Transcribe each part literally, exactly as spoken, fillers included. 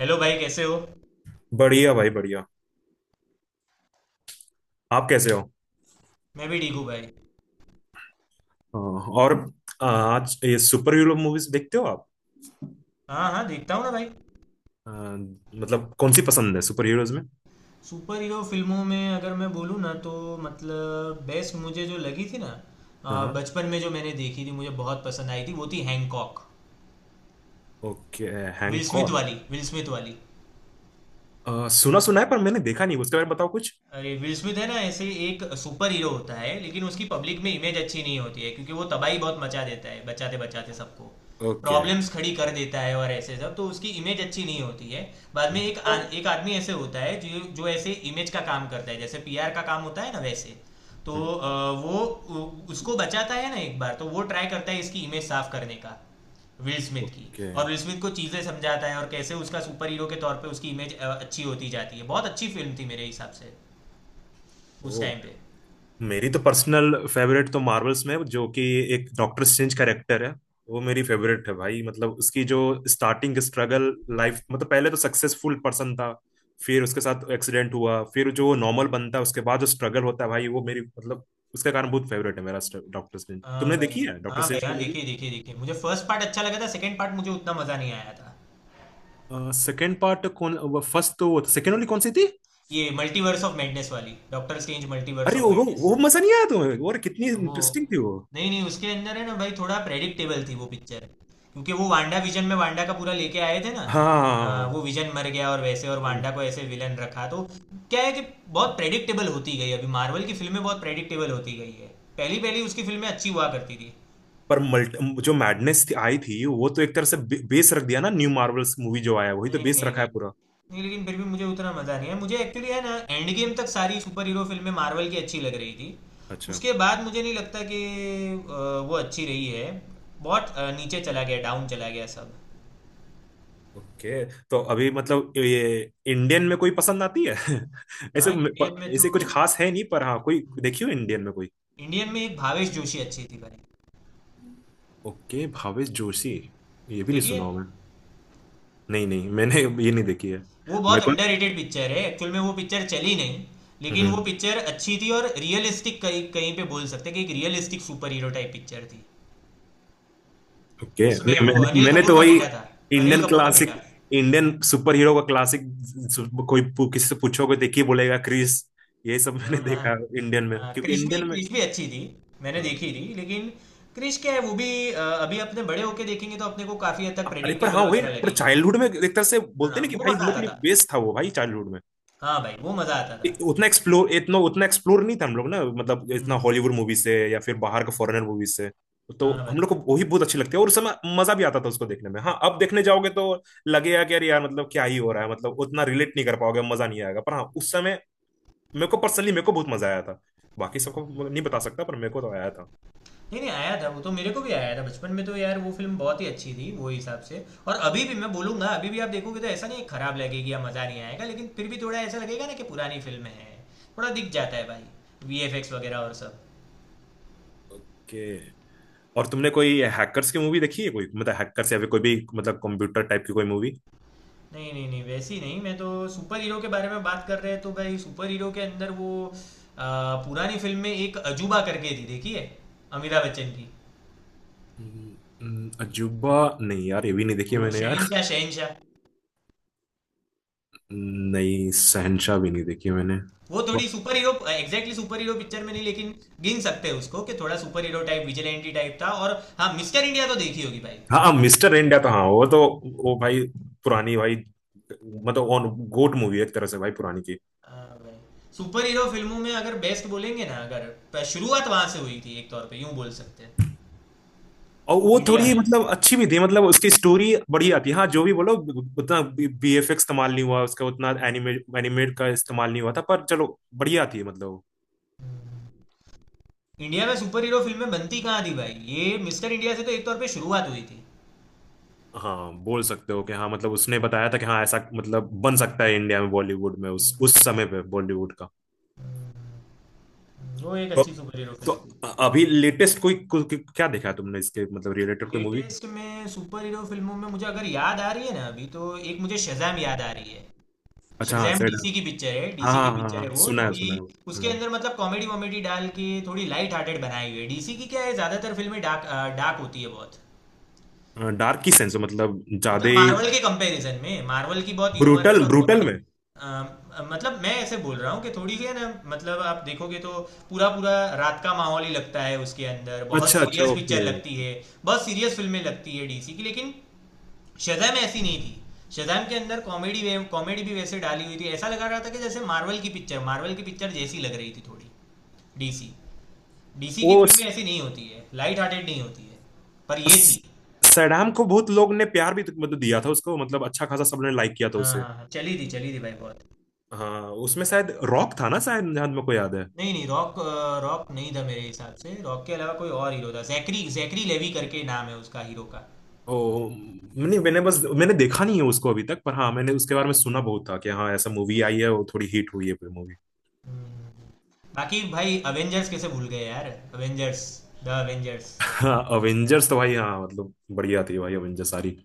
Hello भाई कैसे हो। बढ़िया भाई बढ़िया। आप कैसे हो। मैं भी ठीक हूँ भाई। अ, और अ, आज ये सुपर हीरो मूवीज देखते हो आप। हाँ हाँ देखता हूँ ना भाई। अ, मतलब कौन सी पसंद है सुपर हीरोज में। सुपर हीरो फिल्मों में अगर मैं बोलूँ ना तो मतलब बेस्ट मुझे जो लगी थी ना अ, हाँ। बचपन में जो मैंने देखी थी मुझे बहुत पसंद आई थी वो थी Hancock. Okay. Will Smith Hancock. वाली विल स्मिथ वाली। अ, सुना सुना है पर मैंने देखा नहीं, उसके बारे में बताओ कुछ। अरे विल स्मिथ है ना, ऐसे एक सुपर हीरो होता है लेकिन उसकी पब्लिक में इमेज अच्छी नहीं होती है क्योंकि वो तबाही बहुत मचा देता है बचाते बचाते सबको। ओके। प्रॉब्लम्स खड़ी कर देता है और ऐसे सब, तो उसकी इमेज अच्छी नहीं होती है। बाद में एक हम्म। आ, एक आदमी ऐसे होता है जो जो ऐसे इमेज का काम करता है, जैसे पीआर का काम होता है ना वैसे। तो हम्म। अ, वो उ- उसको बचाता है ना एक बार, तो वो ट्राई करता है इसकी इमेज साफ करने का। विल स्मिथ की। ओके। और विल स्मिथ को चीज़ें समझाता है और कैसे उसका सुपर हीरो के तौर पे उसकी इमेज अच्छी होती जाती है। बहुत अच्छी फिल्म थी मेरे हिसाब से उस ओ। टाइम पे। मेरी तो पर्सनल फेवरेट तो मार्वल्स में है, जो कि एक डॉक्टर स्ट्रेंज कैरेक्टर है। वो मेरी फेवरेट है भाई, मतलब उसकी जो स्टार्टिंग स्ट्रगल लाइफ, मतलब पहले तो सक्सेसफुल पर्सन था, फिर उसके साथ एक्सीडेंट हुआ, फिर जो नॉर्मल बनता है उसके बाद जो स्ट्रगल होता है भाई वो मेरी मतलब उसका कारण बहुत फेवरेट है मेरा। डॉक्टर स्ट्रेंज हाँ तुमने भाई। देखी है, डॉक्टर हाँ भाई स्ट्रेंज की हाँ, मूवी? देखिए देखिए देखिए, मुझे फर्स्ट पार्ट अच्छा लगा था, सेकंड पार्ट मुझे उतना मजा नहीं आया था। सेकंड पार्ट कौन, फर्स्ट तो, वो सेकंड वाली कौन सी थी? ये मल्टीवर्स ऑफ मैडनेस वाली, डॉक्टर स्ट्रेंज मल्टीवर्स अरे ऑफ वो मैडनेस। वो मजा नहीं आया तुम्हें, और कितनी तो वो, इंटरेस्टिंग थी वो। नहीं नहीं, उसके अंदर है ना भाई थोड़ा प्रेडिक्टेबल थी वो पिक्चर। क्योंकि वो वांडा विजन में वांडा का पूरा लेके आए थे ना। अ, हाँ। वो विजन मर गया और वैसे और वांडा को ऐसे विलन रखा तो क्या है कि बहुत प्रेडिक्टेबल होती गई। अभी मार्वल की फिल्में बहुत प्रेडिक्टेबल होती गई है। पहली पहली उसकी फिल्में अच्छी हुआ करती थी। पर मल्ट जो मैडनेस थी आई थी वो तो एक तरह से बे, बेस रख दिया ना, न्यू मार्वल्स मूवी जो आया है, वही तो नहीं बेस नहीं रखा है नहीं। पूरा। नहीं लेकिन फिर भी मुझे उतना मज़ा नहीं है। मुझे एक्चुअली है ना एंड गेम तक सारी सुपर हीरो फिल्में मार्वल की अच्छी लग रही थी। अच्छा उसके बाद मुझे नहीं लगता कि अ, वो अच्छी रही है। बहुत अ, नीचे चला गया, डाउन चला गया सब। ओके। तो अभी मतलब ये इंडियन में कोई पसंद आती है ऐसे। हाँ इंडियन प- में तो, ऐसे कुछ खास है नहीं पर हाँ कोई देखियो इंडियन में कोई। इंडियन में एक भावेश जोशी अच्छी थी भाई। ओके भावेश जोशी। ये भी नहीं देखिए, सुना हूं मैं। नहीं नहीं, मैंने ये नहीं देखी है। वो बहुत मेरे अंडररेटेड पिक्चर है, एक्चुअल में वो पिक्चर चली नहीं लेकिन को। वो पिक्चर अच्छी थी और रियलिस्टिक कहीं कहीं पे बोल सकते हैं कि एक realistic superhero type picture थी। ओके, उसमें नहीं वो मैंने अनिल मैंने कपूर तो का वही बेटा था। अनिल इंडियन कपूर का क्लासिक, बेटा। इंडियन सुपर हीरो का क्लासिक। सु- कोई पू- किसी से पूछोगे देखिए बोलेगा क्रिस, ये सब मैंने हाँ हाँ। देखा इंडियन में, हाँ क्योंकि क्रिश भी, इंडियन में क्रिश भी अच्छी थी। मैंने हाँ, देखी थी लेकिन क्रिश क्या है वो भी अ, अभी अपने बड़े होके देखेंगे तो अपने को काफी हद तक अरे पर प्रेडिक्टेबल हाँ वही ना, वगैरह पर लगेगी। चाइल्डहुड में एक तरह से बोलते हाँ ना कि वो भाई हम मजा लोग आता के था। लिए बेस्ट था वो भाई चाइल्डहुड में। हाँ भाई वो मजा आता था। उतना एक्सप्लोर इतना उतना एक्सप्लोर नहीं था हम लोग ना, मतलब इतना हम्म। हॉलीवुड मूवी से या फिर बाहर के फॉरेनर मूवी से। तो हाँ हम भाई। लोग को वही बहुत अच्छी लगती है, और उस समय मजा भी आता था उसको देखने में। हाँ, अब देखने जाओगे तो लगेगा कि यार यार, मतलब क्या ही हो रहा है, मतलब उतना रिलेट नहीं कर पाओगे, मजा नहीं आएगा, पर हाँ उस समय मेरे को पर्सनली मेरे को बहुत मजा आया था। बाकी सबको नहीं बता सकता पर मेरे को तो आया था। नहीं नहीं, आया था वो तो मेरे को भी आया था बचपन में, तो यार वो फिल्म बहुत ही अच्छी थी वो हिसाब से। और अभी भी मैं बोलूंगा अभी भी आप देखोगे तो ऐसा नहीं, खराब लगेगी या मजा नहीं आएगा, लेकिन फिर भी थोड़ा ऐसा लगेगा ना कि पुरानी फिल्म है। थोड़ा दिख जाता है भाई, वीएफएक्स वगैरह और सब। कि और तुमने कोई हैकर्स की मूवी देखी है कोई, मतलब हैकर्स या फिर कोई भी मतलब कंप्यूटर टाइप की कोई मूवी? नहीं नहीं नहीं, वैसी नहीं, मैं तो सुपर हीरो के बारे में बात कर रहे हैं, तो भाई सुपर हीरो के अंदर वो आ, पुरानी फिल्म में एक अजूबा करके थी, देखी है? अमिताभ बच्चन की। अजूबा, नहीं यार ये भी नहीं देखी है वो मैंने यार। शहनशाह, शहनशाह। नहीं, शहनशाह भी नहीं देखी मैंने। वो वो- थोड़ी superhero exactly superhero picture में नहीं लेकिन गिन सकते हैं उसको कि थोड़ा superhero type vigilante type था। और हाँ, मिस्टर इंडिया तो देखी होगी भाई। हाँ मिस्टर इंडिया तो हाँ वो तो, वो भाई पुरानी भाई, मतलब ऑन गोट मूवी है एक तरह से भाई पुरानी की। हाँ भाई। सुपर हीरो फिल्मों में अगर बेस्ट बोलेंगे ना, अगर प- शुरुआत वहां से हुई थी एक तौर पे यूं बोल सकते हैं और वो इंडिया थोड़ी में। मतलब अच्छी भी थी, मतलब उसकी स्टोरी बढ़िया थी, हाँ जो भी बोलो, उतना बीएफएक्स इस्तेमाल नहीं हुआ उसका, उतना एनिमे एनिमेट का इस्तेमाल नहीं हुआ था, पर चलो बढ़िया थी मतलब। इंडिया में सुपर हीरो फिल्में बनती कहाँ थी भाई, ये मिस्टर इंडिया से तो एक तौर पे शुरुआत हुई थी। हाँ बोल सकते हो कि हाँ, मतलब उसने बताया था कि हाँ ऐसा मतलब बन सकता है इंडिया में, बॉलीवुड में, उस उस समय पे बॉलीवुड का। वो एक तो, अच्छी सुपर हीरो तो फिल्म थी। अ- अभी लेटेस्ट कोई कोई- कोई- क्या देखा है तुमने इसके मतलब रिलेटेड कोई मूवी? लेटेस्ट में सुपर हीरो फिल्मों में मुझे अगर याद आ रही है ना अभी, तो एक मुझे शज़ैम याद आ रही है। अच्छा हाँ शज़ैम सैड। डीसी की पिक्चर है, हाँ डीसी की हाँ हाँ पिक्चर है। हाँ, वो सुना है थोड़ी, सुना है वो। उसके हम्म। अंदर मतलब कॉमेडी वॉमेडी डाल के थोड़ी लाइट हार्टेड बनाई हुई है। डीसी की क्या है, ज़्यादातर फिल्में डार्क, डार्क होती है बहुत। डार्क की सेंस मतलब ज्यादा मतलब मार्वल के कंपैरिजन में, मार्वल की बहुत ह्यूमरस ब्रूटल, और ब्रूटल कॉमेडी। में। मतलब मैं ऐसे बोल रहा हूँ कि थोड़ी सी है ना, मतलब आप देखोगे तो पूरा पूरा रात का माहौल ही लगता है, उसके अंदर बहुत अच्छा अच्छा, सीरियस पिक्चर ओके। लगती है। बहुत सीरियस फिल्में लगती है डीसी की, लेकिन शज़ैम ऐसी नहीं थी। शज़ैम के अंदर कॉमेडी वे कॉमेडी भी वैसे डाली हुई थी, ऐसा लगा रहा था कि जैसे मार्वल की पिक्चर, मार्वल की पिक्चर जैसी लग रही थी थोड़ी। डीसी, डीसी वो की फिल्में स- ऐसी नहीं होती है, लाइट हार्टेड नहीं होती है, पर ये थी। स- सैडाम को बहुत लोग ने प्यार भी तो मतलब दिया था उसको, मतलब अच्छा खासा सबने लाइक किया था हाँ उसे। हाँ हाँ, चली थी चली थी भाई बहुत। हाँ, उसमें शायद रॉक था ना शायद, जहां मेरे को याद है। नहीं नहीं रॉक, अ, रॉक नहीं था मेरे हिसाब से। रॉक के अलावा कोई और हीरो था, जैकरी, जैकरी लेवी करके नाम है उसका, हीरो का। ओ, मैंने मैंने बस मैंने देखा नहीं है उसको अभी तक, पर हाँ मैंने उसके बारे में सुना बहुत था कि हाँ ऐसा मूवी आई है, वो थोड़ी हिट हुई है मूवी। हम्म। बाकी भाई अवेंजर्स कैसे भूल गए यार। Avengers, the Avengers. हाँ अवेंजर्स तो भाई हाँ, मतलब बढ़िया थी भाई अवेंजर्स सारी।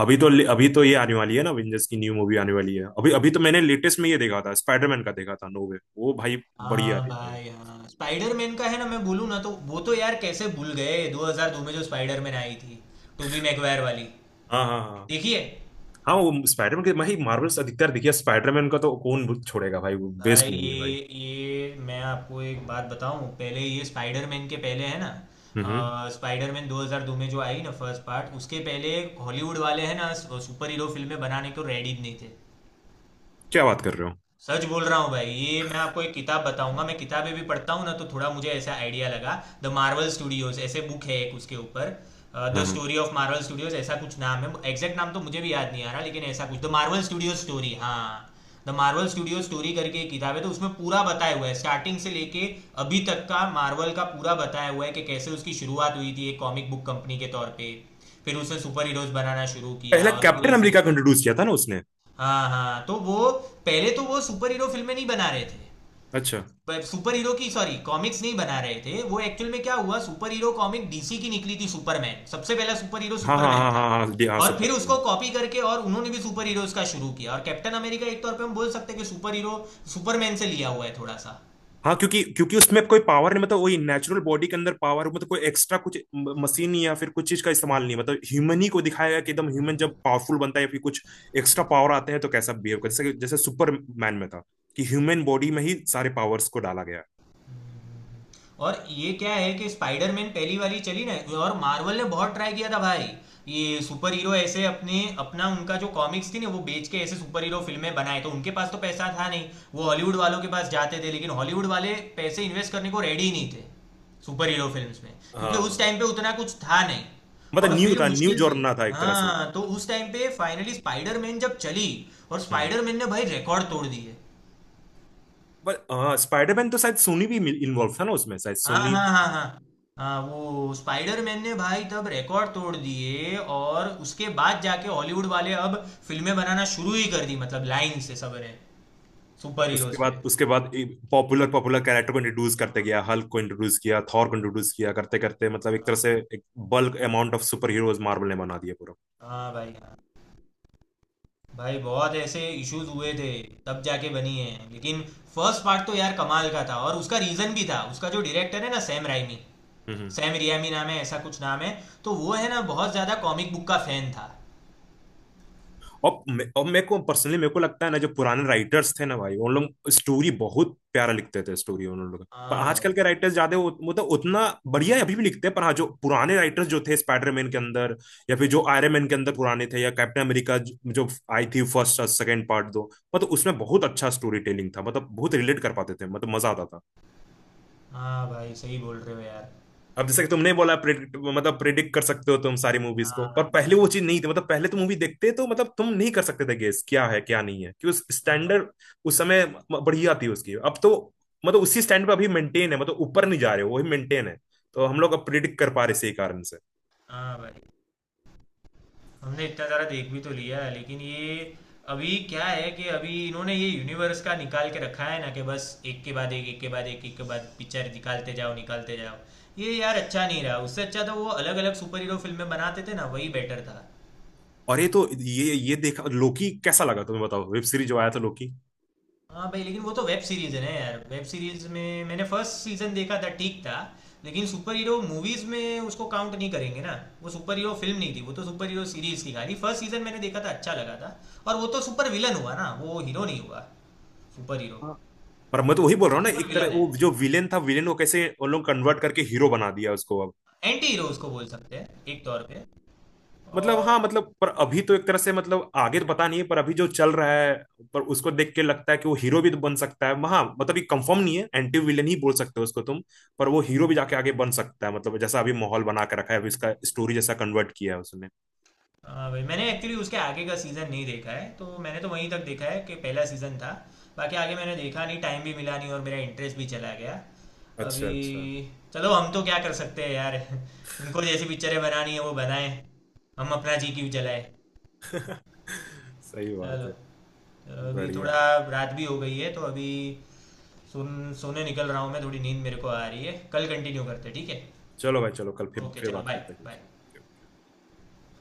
अभी तो अभी तो ये आने वाली है ना, अवेंजर्स की न्यू मूवी आने वाली है, अभी अभी तो मैंने लेटेस्ट में ये देखा था, स्पाइडरमैन का देखा था नो वे वो भाई, बढ़िया हाँ थी भाई। भाई हाँ, स्पाइडरमैन का है ना, मैं बोलूँ ना तो वो तो यार कैसे भूल गए, दो हज़ार दो में जो स्पाइडरमैन आई थी, टोबी मैगवायर वाली। हाँ हाँ हाँ देखिए हाँ, वो स्पाइडरमैन के भाई मार्वल्स अधिकतर देखिए, स्पाइडरमैन का तो कौन छोड़ेगा भाई, वो भाई, बेस्ट मूवी है भाई। ये ये मैं आपको एक बात बताऊं, पहले ये स्पाइडरमैन के पहले है ना, हम्म। हम्म। स्पाइडरमैन दो हज़ार दो में जो आई ना फर्स्ट पार्ट, उसके पहले हॉलीवुड वाले हैं ना सुपर हीरो फिल्में बनाने को रेडी नहीं थे। क्या बात कर रहे हो। सच बोल रहा हूँ भाई। ये मैं आपको एक किताब बताऊंगा, मैं किताबें भी पढ़ता हूँ ना, तो थोड़ा मुझे ऐसा आइडिया लगा। द मार्वल स्टूडियोज ऐसे बुक है एक उसके ऊपर। द हाँ हाँ, स्टोरी ऑफ मार्वल स्टूडियोज, ऐसा कुछ नाम है, एग्जैक्ट नाम तो मुझे भी याद नहीं आ रहा, लेकिन ऐसा कुछ द मार्वल स्टूडियो स्टोरी, हाँ, द मार्वल स्टूडियो स्टोरी करके एक किताब है। तो उसमें पूरा बताया हुआ है स्टार्टिंग से लेके अभी तक का मार्वल का पूरा बताया हुआ है कि कैसे उसकी शुरुआत हुई थी एक कॉमिक बुक कंपनी के तौर पे। फिर उसने सुपर हीरोज बनाना शुरू किया पहला और फिर कैप्टन ऐसे, अमेरिका को इंट्रोड्यूस किया था ना उसने। हाँ हाँ, तो वो पहले तो वो सुपर हीरो फिल्में नहीं बना रहे थे, अच्छा। सुपर हीरो की, सॉरी, कॉमिक्स नहीं बना रहे थे वो। एक्चुअल में क्या हुआ, सुपर हीरो कॉमिक डीसी की निकली थी, सुपरमैन, सबसे पहला सुपर हीरो हाँ हाँ सुपरमैन हाँ हाँ था। हाँ हाँ हाँ, हाँ, और फिर सुपर। उसको कॉपी करके और उन्होंने भी सुपर हीरोज का शुरू किया। और कैप्टन अमेरिका एक तौर पे हम बोल सकते हैं कि सुपर हीरो, सुपरमैन से लिया हुआ है थोड़ा सा। हाँ क्योंकि क्योंकि उसमें कोई पावर नहीं, मतलब वही नेचुरल बॉडी के अंदर पावर, मतलब कोई एक्स्ट्रा कुछ मशीन या फिर कुछ चीज का इस्तेमाल नहीं, मतलब ह्यूमन ही को दिखाया गया कि एकदम ह्यूमन जब पावरफुल बनता है या फिर कुछ एक्स्ट्रा पावर आते हैं तो कैसा बिहेव कर, जैसे जैसे सुपरमैन में था, कि ह्यूमन बॉडी में ही सारे पावर्स को डाला गया। और ये क्या है कि स्पाइडरमैन पहली वाली चली ना, और मार्वल ने बहुत ट्राई किया था भाई, ये सुपर हीरो ऐसे अपने, अपना उनका जो कॉमिक्स थी ना वो बेच के ऐसे सुपर हीरो फिल्में बनाए, तो उनके पास तो पैसा था नहीं। वो हॉलीवुड वालों के पास जाते थे, लेकिन हॉलीवुड वाले पैसे इन्वेस्ट करने को रेडी ही नहीं थे सुपर हीरो फिल्म में, क्योंकि उस हाँ टाइम पे उतना कुछ था नहीं। मतलब और न्यू फिर था न्यू मुश्किल से, जॉर्ना था एक तरह से वो। हाँ, तो उस टाइम पे फाइनली स्पाइडरमैन जब चली और हम्म। स्पाइडरमैन ने भाई रिकॉर्ड तोड़ दिए। बट हाँ स्पाइडरमैन तो शायद सोनी भी इन्वॉल्व था ना उसमें, शायद हाँ सोनी। हाँ हाँ हाँ हाँ। वो स्पाइडरमैन ने भाई तब रिकॉर्ड तोड़ दिए, और उसके बाद जाके हॉलीवुड वाले अब फिल्में बनाना शुरू ही कर दी, मतलब लाइन से सब ने सुपर उसके हीरोज पे। बाद उसके बाद पॉपुलर पॉपुलर कैरेक्टर को इंट्रोड्यूस करते हाँ। गया, हल्क को इंट्रोड्यूस किया, थॉर को इंट्रोड्यूस किया, करते करते मतलब एक तरह से एक bulk amount of super heroes Marvel ने बना दिया पूरा। हाँ भाई हाँ भाई, बहुत ऐसे इश्यूज हुए थे तब जाके बनी है। लेकिन फर्स्ट पार्ट तो यार कमाल का था, और उसका रीजन भी था, उसका जो डायरेक्टर है ना, सैम राइमी, हम्म। सैम रियामी नाम है, ऐसा कुछ नाम है। तो वो है ना बहुत ज्यादा कॉमिक बुक का फैन था। और मे- और मेरे को पर्सनली मेरे को लगता है ना, जो पुराने राइटर्स थे ना भाई, उन लोग स्टोरी बहुत प्यारा लिखते थे स्टोरी उन लोग, पर हाँ आजकल भाई। के राइटर्स ज्यादा उत- मतलब उतना बढ़िया अभी भी लिखते हैं, पर हाँ जो पुराने राइटर्स जो थे स्पाइडरमैन के अंदर या फिर जो आयरन मैन के अंदर पुराने थे, या कैप्टन अमेरिका जो आई थी फर्स्ट और सेकेंड पार्ट, दो मतलब उसमें बहुत अच्छा स्टोरी टेलिंग था, मतलब बहुत रिलेट कर पाते थे, मतलब मजा आता था। हाँ भाई सही बोल रहे हो यार। अब जैसे कि तुमने बोला predict- मतलब प्रिडिक्ट कर सकते हो तुम सारी मूवीज को, पर हाँ। पहले वो चीज नहीं थी, मतलब पहले तुम मूवी देखते तो मतलब तुम नहीं कर सकते थे गेस क्या है क्या नहीं है, कि उस हाँ भाई। स्टैंडर्ड उस समय बढ़िया थी उसकी। अब तो मतलब उसी स्टैंड पर अभी मेंटेन है, मतलब ऊपर नहीं जा रहे हो, वही मेंटेन है, तो हम लोग अब प्रिडिक्ट कर पा रहे इसी कारण से। हाँ भाई, हमने इतना सारा देख भी तो लिया है, लेकिन ये, अभी क्या है कि अभी इन्होंने ये यूनिवर्स का निकाल के रखा है ना, कि बस एक के बाद एक, एक के बाद एक, एक के बाद पिक्चर निकालते जाओ निकालते जाओ। ये यार अच्छा नहीं रहा। उससे अच्छा तो वो अलग अलग सुपर हीरो फिल्में बनाते थे ना, वही बेटर था। और ये तो ये ये देखा, लोकी कैसा लगा तुम्हें बताओ, वेब सीरीज जो आया था लोकी? हाँ भाई, लेकिन वो तो वेब सीरीज है ना यार। वेब सीरीज में मैंने फर्स्ट सीजन देखा था, ठीक था, लेकिन सुपर हीरो मूवीज में उसको काउंट नहीं करेंगे ना। वो सुपर हीरो फिल्म नहीं थी, वो तो सुपर हीरो सीरीज थी। खाली फर्स्ट सीजन मैंने देखा था, अच्छा लगा था। और वो तो सुपर विलन हुआ ना, वो हीरो नहीं हुआ, सुपर हीरो। हाँ पर मैं तो वही बोल वो रहा तो हूँ ना, सुपर एक तरह विलन है, वो जो विलेन था, विलेन को कैसे उन लोग कन्वर्ट करके हीरो बना दिया उसको अब, एंटी हीरो उसको बोल सकते हैं एक तौर पे। मतलब हाँ, और मतलब पर अभी तो एक तरह से, मतलब आगे तो पता नहीं है पर अभी जो चल रहा है, पर उसको देख के लगता है कि वो हीरो भी तो बन सकता है। हाँ मतलब ये कंफर्म नहीं है, एंटी विलन ही बोल सकते हो उसको तुम, पर वो हीरो भी जाके आगे बन सकता है, मतलब जैसा अभी माहौल बना के रखा है, अभी इसका स्टोरी जैसा कन्वर्ट किया है उसने। हाँ भाई, मैंने एक्चुअली उसके आगे का सीज़न नहीं देखा है, तो मैंने तो वहीं तक देखा है कि पहला सीज़न था। बाकी आगे मैंने देखा नहीं, टाइम भी मिला नहीं और मेरा इंटरेस्ट भी चला गया अच्छा अभी। अच्छा। चलो हम तो क्या कर सकते हैं यार, उनको जैसी पिक्चरें बनानी है वो बनाए, हम अपना जी क्यों चलाए। सही चलो, बात है। चलो अभी बढ़िया। थोड़ा रात भी हो गई है, तो अभी सुन, सोने निकल रहा हूँ मैं, थोड़ी नींद मेरे को आ रही है, कल कंटिन्यू करते हैं, ठीक है। चलो भाई चलो, कल फिर ओके, फिर चलो बात बाय करते हैं बाय। कुछ।